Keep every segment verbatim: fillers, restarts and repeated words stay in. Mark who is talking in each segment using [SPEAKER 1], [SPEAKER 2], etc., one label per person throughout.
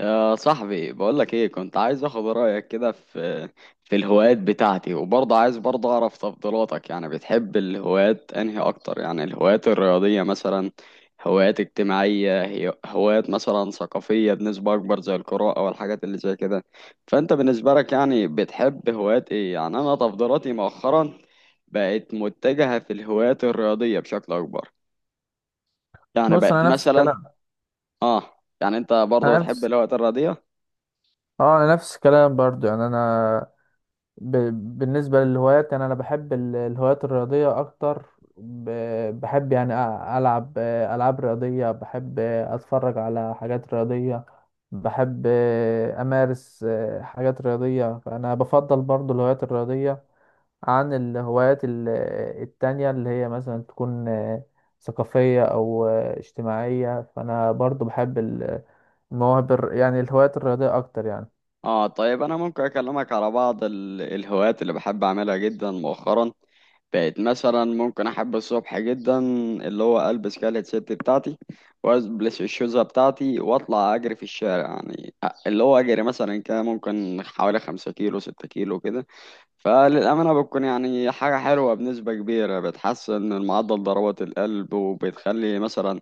[SPEAKER 1] يا صاحبي بقولك ايه كنت عايز اخد رأيك كده في في الهوايات بتاعتي، وبرضه عايز برضه اعرف تفضيلاتك. يعني بتحب الهوايات انهي اكتر؟ يعني الهوايات الرياضية مثلا، هوايات اجتماعية، هي- هوايات مثلا ثقافية بنسبة اكبر زي القراءة والحاجات اللي زي كده. فانت بالنسبة لك يعني بتحب هوايات ايه؟ يعني انا تفضيلاتي مؤخرا بقت متجهة في الهوايات الرياضية بشكل اكبر. يعني
[SPEAKER 2] بص،
[SPEAKER 1] بقت
[SPEAKER 2] انا نفس
[SPEAKER 1] مثلا.
[SPEAKER 2] الكلام.
[SPEAKER 1] اه. يعني انت برضه
[SPEAKER 2] انا
[SPEAKER 1] بتحب
[SPEAKER 2] نفس
[SPEAKER 1] الهوايات الرياضية.
[SPEAKER 2] اه انا نفس الكلام برضو. يعني انا ب... بالنسبه للهوايات، يعني انا بحب ال- الهوايات الرياضيه اكتر. ب... بحب، يعني أ- العب العاب رياضيه، بحب اتفرج على حاجات رياضيه، بحب امارس حاجات رياضيه. فانا بفضل برضو الهوايات الرياضيه عن الهوايات ال- التانية، اللي هي مثلا تكون آه، ثقافية أو آه، اجتماعية. فأنا برضو بحب ال- المواهب الر- يعني الهوايات الرياضية أكتر يعني.
[SPEAKER 1] اه طيب، انا ممكن اكلمك على بعض ال- الهوايات اللي بحب اعملها جدا. مؤخرا بقت مثلا ممكن احب الصبح جدا، اللي هو البس كالة ست بتاعتي والبس الشوزة بتاعتي واطلع اجري في الشارع. يعني اللي هو اجري مثلا كده ممكن حوالي خمسة كيلو ستة كيلو كده. فللأمانة بتكون يعني حاجة حلوة بنسبة كبيرة، بتحسن من معدل ضربات القلب، وبتخلي مثلا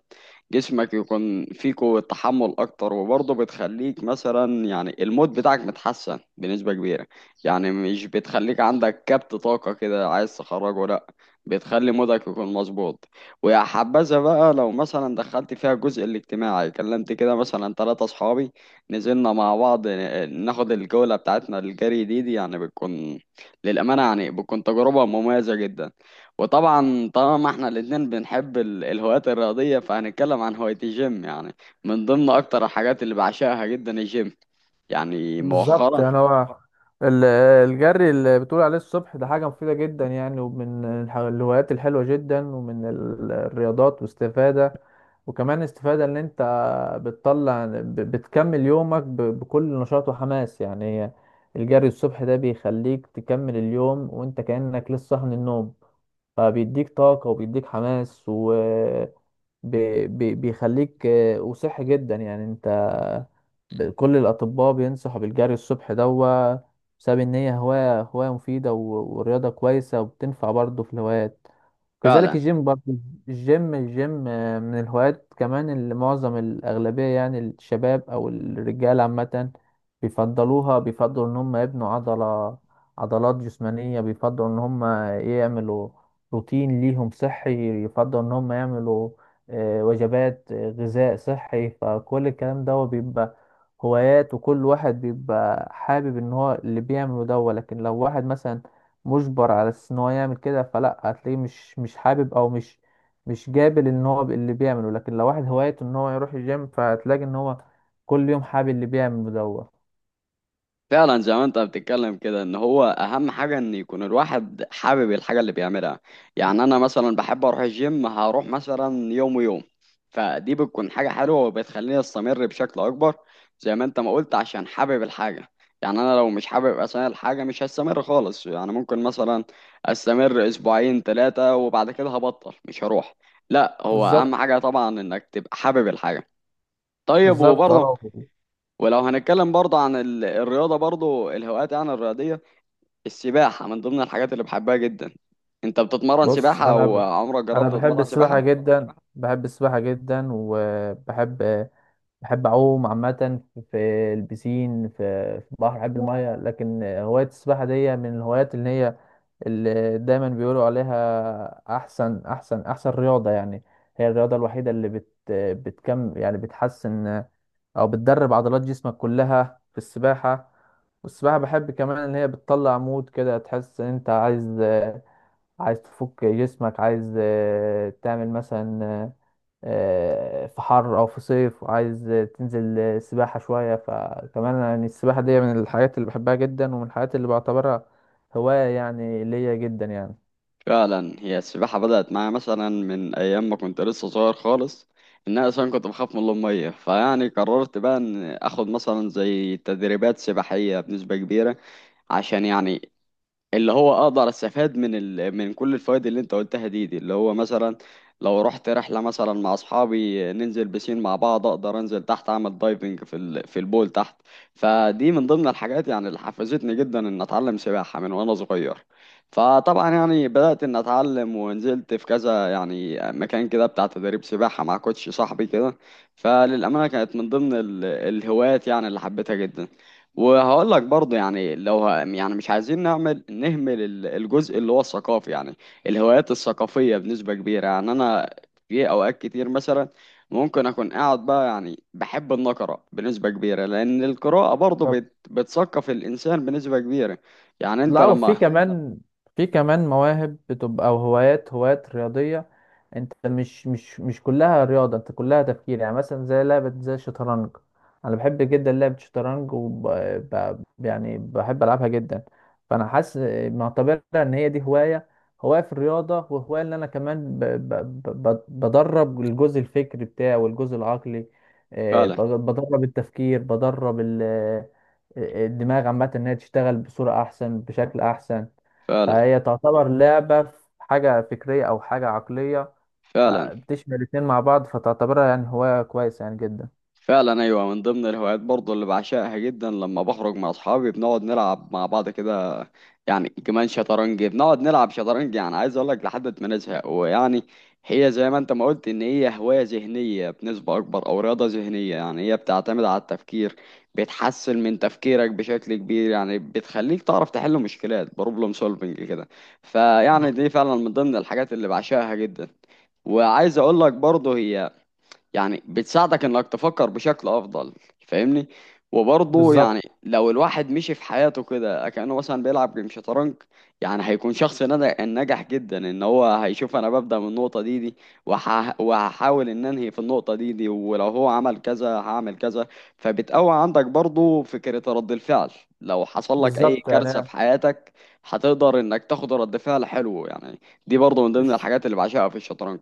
[SPEAKER 1] جسمك يكون فيه قوة تحمل أكتر، وبرضه بتخليك مثلا يعني المود بتاعك متحسن بنسبة كبيرة. يعني مش بتخليك عندك كبت طاقة كده عايز تخرجه، لأ، بتخلي مودك يكون مظبوط. ويا حبذا بقى لو مثلا دخلت فيها الجزء الاجتماعي، كلمت كده مثلا ثلاثة أصحابي، نزلنا مع بعض ن- ناخد الجولة بتاعتنا الجري دي, دي، يعني بتكون، للأمانة يعني بتكون تجربة مميزة جدا. وطبعا طالما احنا الاتنين بنحب ال- الهوايات الرياضية، فهنتكلم عن هواية الجيم. يعني من ضمن أكتر الحاجات اللي بعشقها جدا الجيم. يعني
[SPEAKER 2] بالظبط،
[SPEAKER 1] مؤخرا.
[SPEAKER 2] يعني هو ال- الجري اللي بتقول عليه الصبح ده حاجة مفيدة جدا يعني، ومن الح- الهوايات الحلوة جدا، ومن ال- الرياضات واستفادة. وكمان استفادة ان انت بتطلع ب- بتكمل يومك ب- بكل نشاط وحماس. يعني هي الجري الصبح ده بيخليك تكمل اليوم وانت كأنك لسه صاحي من النوم، فبيديك طاقة وبيديك حماس و... بي بي بيخليك آه، وصحي جدا. يعني انت ب- كل الأطباء بينصحوا بالجري الصبح دوا، بسبب إن هي هواية هواية مفيدة و- ورياضة كويسة، وبتنفع برضه في الهوايات. كذلك
[SPEAKER 1] فعلا.
[SPEAKER 2] الجيم برضه. الجيم الجيم آه، من الهوايات كمان، اللي معظم الأغلبية يعني الشباب أو الرجال عامة بيفضلوها. بيفضلوا إن هم يبنوا عضلة عضلات جسمانية، بيفضلوا إن هم يعملوا روتين ليهم صحي، يفضلوا إن هم يعملوا آه، وجبات آه، غذاء صحي. فكل الكلام ده هو بيبقى هوايات، وكل واحد بيبقى حابب ان هو اللي بيعمله ده هو. لكن لو واحد مثلا مجبر على اساس ان هو يعمل كده، فلا هتلاقيه مش مش حابب، او مش مش قابل ان هو اللي بيعمله. لكن لو واحد هوايته ان هو يروح الجيم، فهتلاقي ان هو كل يوم حابب اللي بيعمله ده هو.
[SPEAKER 1] فعلا زي ما انت بتتكلم كده، ان هو اهم حاجه ان يكون الواحد حابب الحاجه اللي بيعملها. يعني انا مثلا بحب اروح الجيم، هروح مثلا يوم ويوم، فدي بتكون حاجه حلوه وبتخليني استمر بشكل اكبر. زي ما انت ما قلت، عشان حابب الحاجه. يعني انا لو مش حابب اصلا الحاجه مش هستمر خالص. يعني ممكن مثلا استمر اسبوعين ثلاثه وبعد كده هبطل مش هروح. لا، هو اهم
[SPEAKER 2] بالظبط.
[SPEAKER 1] حاجه طبعا انك تبقى حابب الحاجه. طيب،
[SPEAKER 2] بالظبط،
[SPEAKER 1] وبرضه،
[SPEAKER 2] اه.
[SPEAKER 1] ولو هنتكلم برضه عن ال- الرياضة، برضه الهوايات يعني الرياضية، السباحة من ضمن الحاجات اللي بحبها جدا. انت بتتمرن
[SPEAKER 2] بص،
[SPEAKER 1] سباحة
[SPEAKER 2] انا
[SPEAKER 1] او
[SPEAKER 2] ب...
[SPEAKER 1] عمرك
[SPEAKER 2] انا لا،
[SPEAKER 1] جربت
[SPEAKER 2] بحب هو
[SPEAKER 1] تتمرن
[SPEAKER 2] السباحة
[SPEAKER 1] سباحة؟
[SPEAKER 2] جدا، بحب السباحة جدا، وبحب، بحب اعوم عامة في في البسين، في في البحر، بحب المية. لكن هواية السباحة دي من الهوايات اللي هي اللي دايما بيقولوا عليها احسن احسن احسن رياضة يعني. هي الرياضة الوحيدة اللي بت بتكم، يعني بتحسن او بتدرب عضلات جسمك كلها في السباحة. والسباحة بحب كمان ان هي بتطلع مود كده، تحس ان انت عايز عايز تفك جسمك، عايز تعمل مثلا آه، في حر او في صيف، وعايز تنزل سباحة شوية. فكمان يعني السباحة دي من الحاجات اللي بحبها جدا، ومن الحاجات اللي بعتبرها هواية يعني ليا جدا يعني.
[SPEAKER 1] فعلا. هي السباحة بدأت معايا مثلا من ايام ما كنت لسه صغير خالص، ان انا اصلا كنت بخاف من المية. فيعني قررت بقى ان اخد مثلا زي تدريبات سباحية بنسبة كبيرة، عشان يعني اللي هو اقدر استفاد من ال... من كل الفوائد اللي انت قلتها دي دي، اللي هو مثلا لو رحت رحله مثلا مع اصحابي ننزل بسين مع بعض، اقدر انزل تحت اعمل دايفنج في ال... في البول تحت. فدي من ضمن الحاجات يعني اللي حفزتني جدا ان اتعلم سباحه من وانا صغير. فطبعا يعني بدات ان اتعلم ونزلت في كذا يعني مكان كده بتاع تدريب سباحه مع كوتش صاحبي كده. فللامانه كانت من ضمن ال... الهوايات يعني اللي حبيتها جدا. وهقول لك برضه، يعني لو ه... يعني مش عايزين نعمل نهمل ال- الجزء اللي هو الثقافي. يعني الهوايات الثقافية بنسبة كبيرة، يعني أنا في أوقات كتير مثلا ممكن أكون قاعد بقى، يعني بحب النقرة بنسبة كبيرة، لأن القراءة برضه بت... بتثقف الإنسان بنسبة كبيرة. يعني أنت
[SPEAKER 2] لا، وفي
[SPEAKER 1] لما.
[SPEAKER 2] يعني مثلا كمان، في كمان مواهب بتبقى، او هوايات هوايات رياضية. انت مش مش مش كلها رياضة، انت كلها تفكير. يعني مثلا زي لعبة زي الشطرنج، انا بحب جدا لعبة الشطرنج وب... ب... يعني بحب العبها جدا. فانا حاسس، معتبرها ان هي دي هواية، هواية في الرياضة، وهواية ان انا كمان ب... ب... ب... بدرب الجزء الفكري بتاعي والجزء العقلي. آه،
[SPEAKER 1] فعلا.
[SPEAKER 2] بدرب التفكير، بدرب ال... الدماغ عامة إنها تشتغل بصورة أحسن، بشكل أحسن.
[SPEAKER 1] فعلا.
[SPEAKER 2] فهي مم. تعتبر لعبة في حاجة فكرية أو حاجة عقلية،
[SPEAKER 1] فعلا.
[SPEAKER 2] فبتشمل الاتنين مع بعض. فتعتبرها يعني هواية كويسة يعني جدا.
[SPEAKER 1] فعلا ايوه، من ضمن الهوايات برضو اللي بعشقها جدا، لما بخرج مع اصحابي بنقعد نلعب مع بعض كده. يعني كمان شطرنج، بنقعد نلعب شطرنج يعني عايز اقول لك لحد ما نزهق. ويعني هي زي ما انت ما قلت ان هي هواية ذهنية بنسبة اكبر او رياضة ذهنية، يعني هي بتعتمد على التفكير، بتحسن من تفكيرك بشكل كبير، يعني بتخليك تعرف تحل مشكلات، بروبلم سولفنج كده. فيعني دي فعلا من ضمن الحاجات اللي بعشقها جدا. وعايز اقول لك برضه هي يعني بتساعدك انك تفكر بشكل افضل. فاهمني. وبرضه
[SPEAKER 2] بالظبط.
[SPEAKER 1] يعني لو الواحد مشي في حياته كده كأنه مثلا بيلعب جيم شطرنج، يعني هيكون شخص ند- ناجح جدا، ان هو هيشوف انا ببدأ من النقطة دي دي، وهح- وهحاول ان انهي في النقطة دي دي، ولو هو عمل كذا هعمل كذا. فبتقوي عندك برضه فكرة رد الفعل. لو حصل لك اي
[SPEAKER 2] بالظبط
[SPEAKER 1] كارثة
[SPEAKER 2] يعني
[SPEAKER 1] في حياتك، هتقدر انك تاخد رد فعل حلو. يعني دي برضه من ضمن
[SPEAKER 2] الش-
[SPEAKER 1] الحاجات اللي بعشقها في الشطرنج.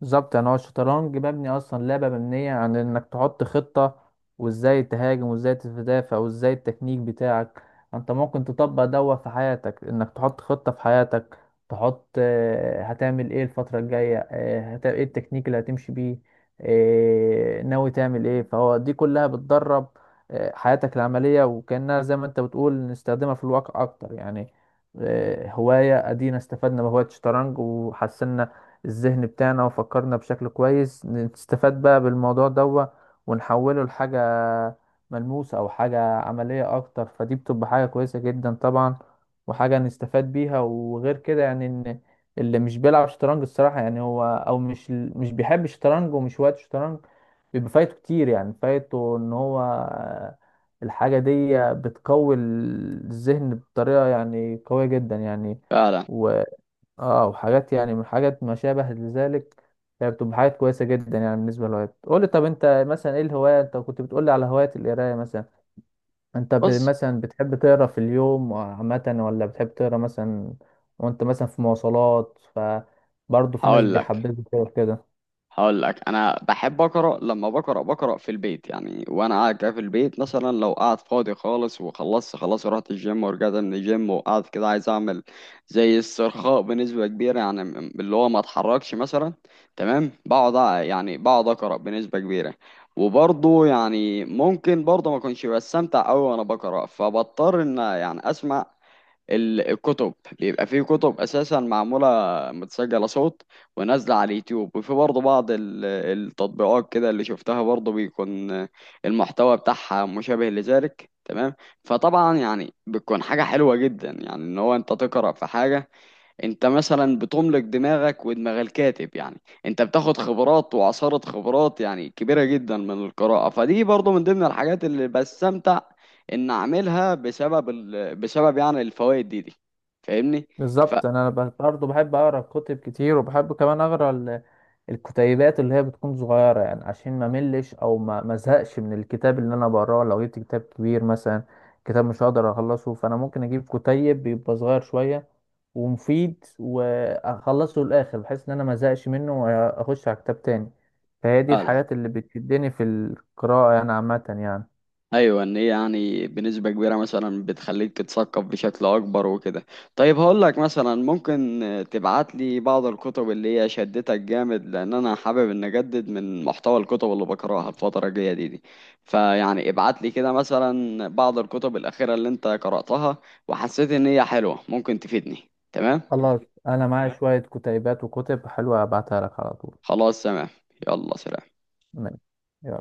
[SPEAKER 2] بالظبط يعني هو الشطرنج مبني اصلا، لعبه مبنيه عن انك تحط خطه، وازاي تهاجم، وازاي تدافع، وازاي التكنيك بتاعك. انت ممكن تطبق دوت في حياتك، انك تحط خطه في حياتك، تحط آه، هتعمل ايه الفتره الجايه، آه، هت- ايه التكنيك اللي هتمشي بيه، آه، ناوي تعمل ايه. فهو دي كلها بتدرب آه، حياتك العمليه، وكانها زي ما انت بتقول نستخدمها في الواقع اكتر يعني. آه، هوايه ادينا استفدنا بهوايه الشطرنج، وحسنا الذهن بتاعنا، وفكرنا بشكل كويس. نستفاد بقى بالموضوع ده ونحوله لحاجة ملموسة، أو حاجة عملية أكتر. فدي بتبقى حاجة كويسة جدا طبعا، وحاجة نستفاد بيها. وغير كده يعني، إن اللي مش بيلعب شطرنج الصراحة، يعني هو أو مش مش بيحب الشطرنج، ومش وقت شطرنج، بيبقى فايته كتير. يعني فايته إن هو الحاجة دي بتقوي الذهن بطريقة يعني قوية جدا يعني.
[SPEAKER 1] فعلا.
[SPEAKER 2] اه، وحاجات يعني من حاجات ما شابه لذلك، يعني بتبقى حاجات كويسه جدا يعني. بالنسبه للهوايات، قول لي طب انت مثلا ايه الهوايه؟ انت كنت بتقول لي على هوايه القرايه مثلا، انت ب...
[SPEAKER 1] بص،
[SPEAKER 2] مثلا بتحب تقرا في اليوم عامه، ولا بتحب تقرا مثلا وانت مثلا في مواصلات؟ ف برضه في ناس
[SPEAKER 1] هقول لك،
[SPEAKER 2] بيحببوا تقرا كده.
[SPEAKER 1] هقول لك انا بحب اقرا. لما بقرا، بقرا في البيت يعني وانا قاعد كده في البيت، مثلا لو قاعد فاضي خالص وخلصت خلاص رحت الجيم ورجعت من الجيم وقاعد كده عايز اعمل زي استرخاء بنسبه كبيره، يعني م- اللي هو ما اتحركش مثلا، تمام، بقعد أع- يعني بقعد اقرا بنسبه كبيره. وبرضه يعني ممكن برضه ما اكونش بستمتع قوي وانا بقرا، فبضطر ان يعني اسمع ال- الكتب. بيبقى فيه كتب اساسا معموله متسجله صوت ونازله على اليوتيوب، وفي برضه بعض ال- التطبيقات كده اللي شفتها برضه بيكون المحتوى بتاعها مشابه لذلك تمام. فطبعا يعني بتكون حاجه حلوه جدا يعني ان هو انت تقرا في حاجه. انت مثلا بتملك دماغك ودماغ الكاتب يعني، انت بتاخد خبرات وعصارة خبرات يعني كبيرة جدا من القراءة. فدي برضو من ضمن الحاجات اللي بستمتع ان اعملها بسبب ال... بسبب يعني الفوائد دي دي. فاهمني.
[SPEAKER 2] فاهم، بالظبط. انا ب- برضه بحب اقرا كتب كتير، وبحب كمان اقرا ال- الكتيبات اللي هي بتكون صغيره، يعني عشان ما ملش، او ما ما زهقش من الكتاب. اللي انا بقراه لو جبت كتاب كبير مثلا، كتاب مش هقدر اخلصه، فانا ممكن اجيب كتيب بيبقى صغير شويه ومفيد، واخلصه للاخر، بحيث ان انا ما زهقش منه واخش على كتاب تاني. فهي دي
[SPEAKER 1] فعلا
[SPEAKER 2] الحاجات اللي بتشدني في القراءه يعني عامه يعني.
[SPEAKER 1] ايوه، ان هي يعني بنسبه كبيره مثلا بتخليك تتثقف بشكل اكبر وكده. طيب، هقول لك مثلا ممكن تبعت لي بعض الكتب اللي هي شدتك جامد، لان انا حابب ان اجدد من محتوى الكتب اللي بقراها الفتره الجايه دي, دي. فيعني ابعت لي كده مثلا بعض الكتب الاخيره اللي انت قراتها وحسيت ان هي حلوه ممكن تفيدني. تمام.
[SPEAKER 2] خلاص، انا معايا شويه كتيبات وكتب حلوه، ابعتها لك على طول.
[SPEAKER 1] خلاص، تمام. يلا سلام.
[SPEAKER 2] ماشي، يلا.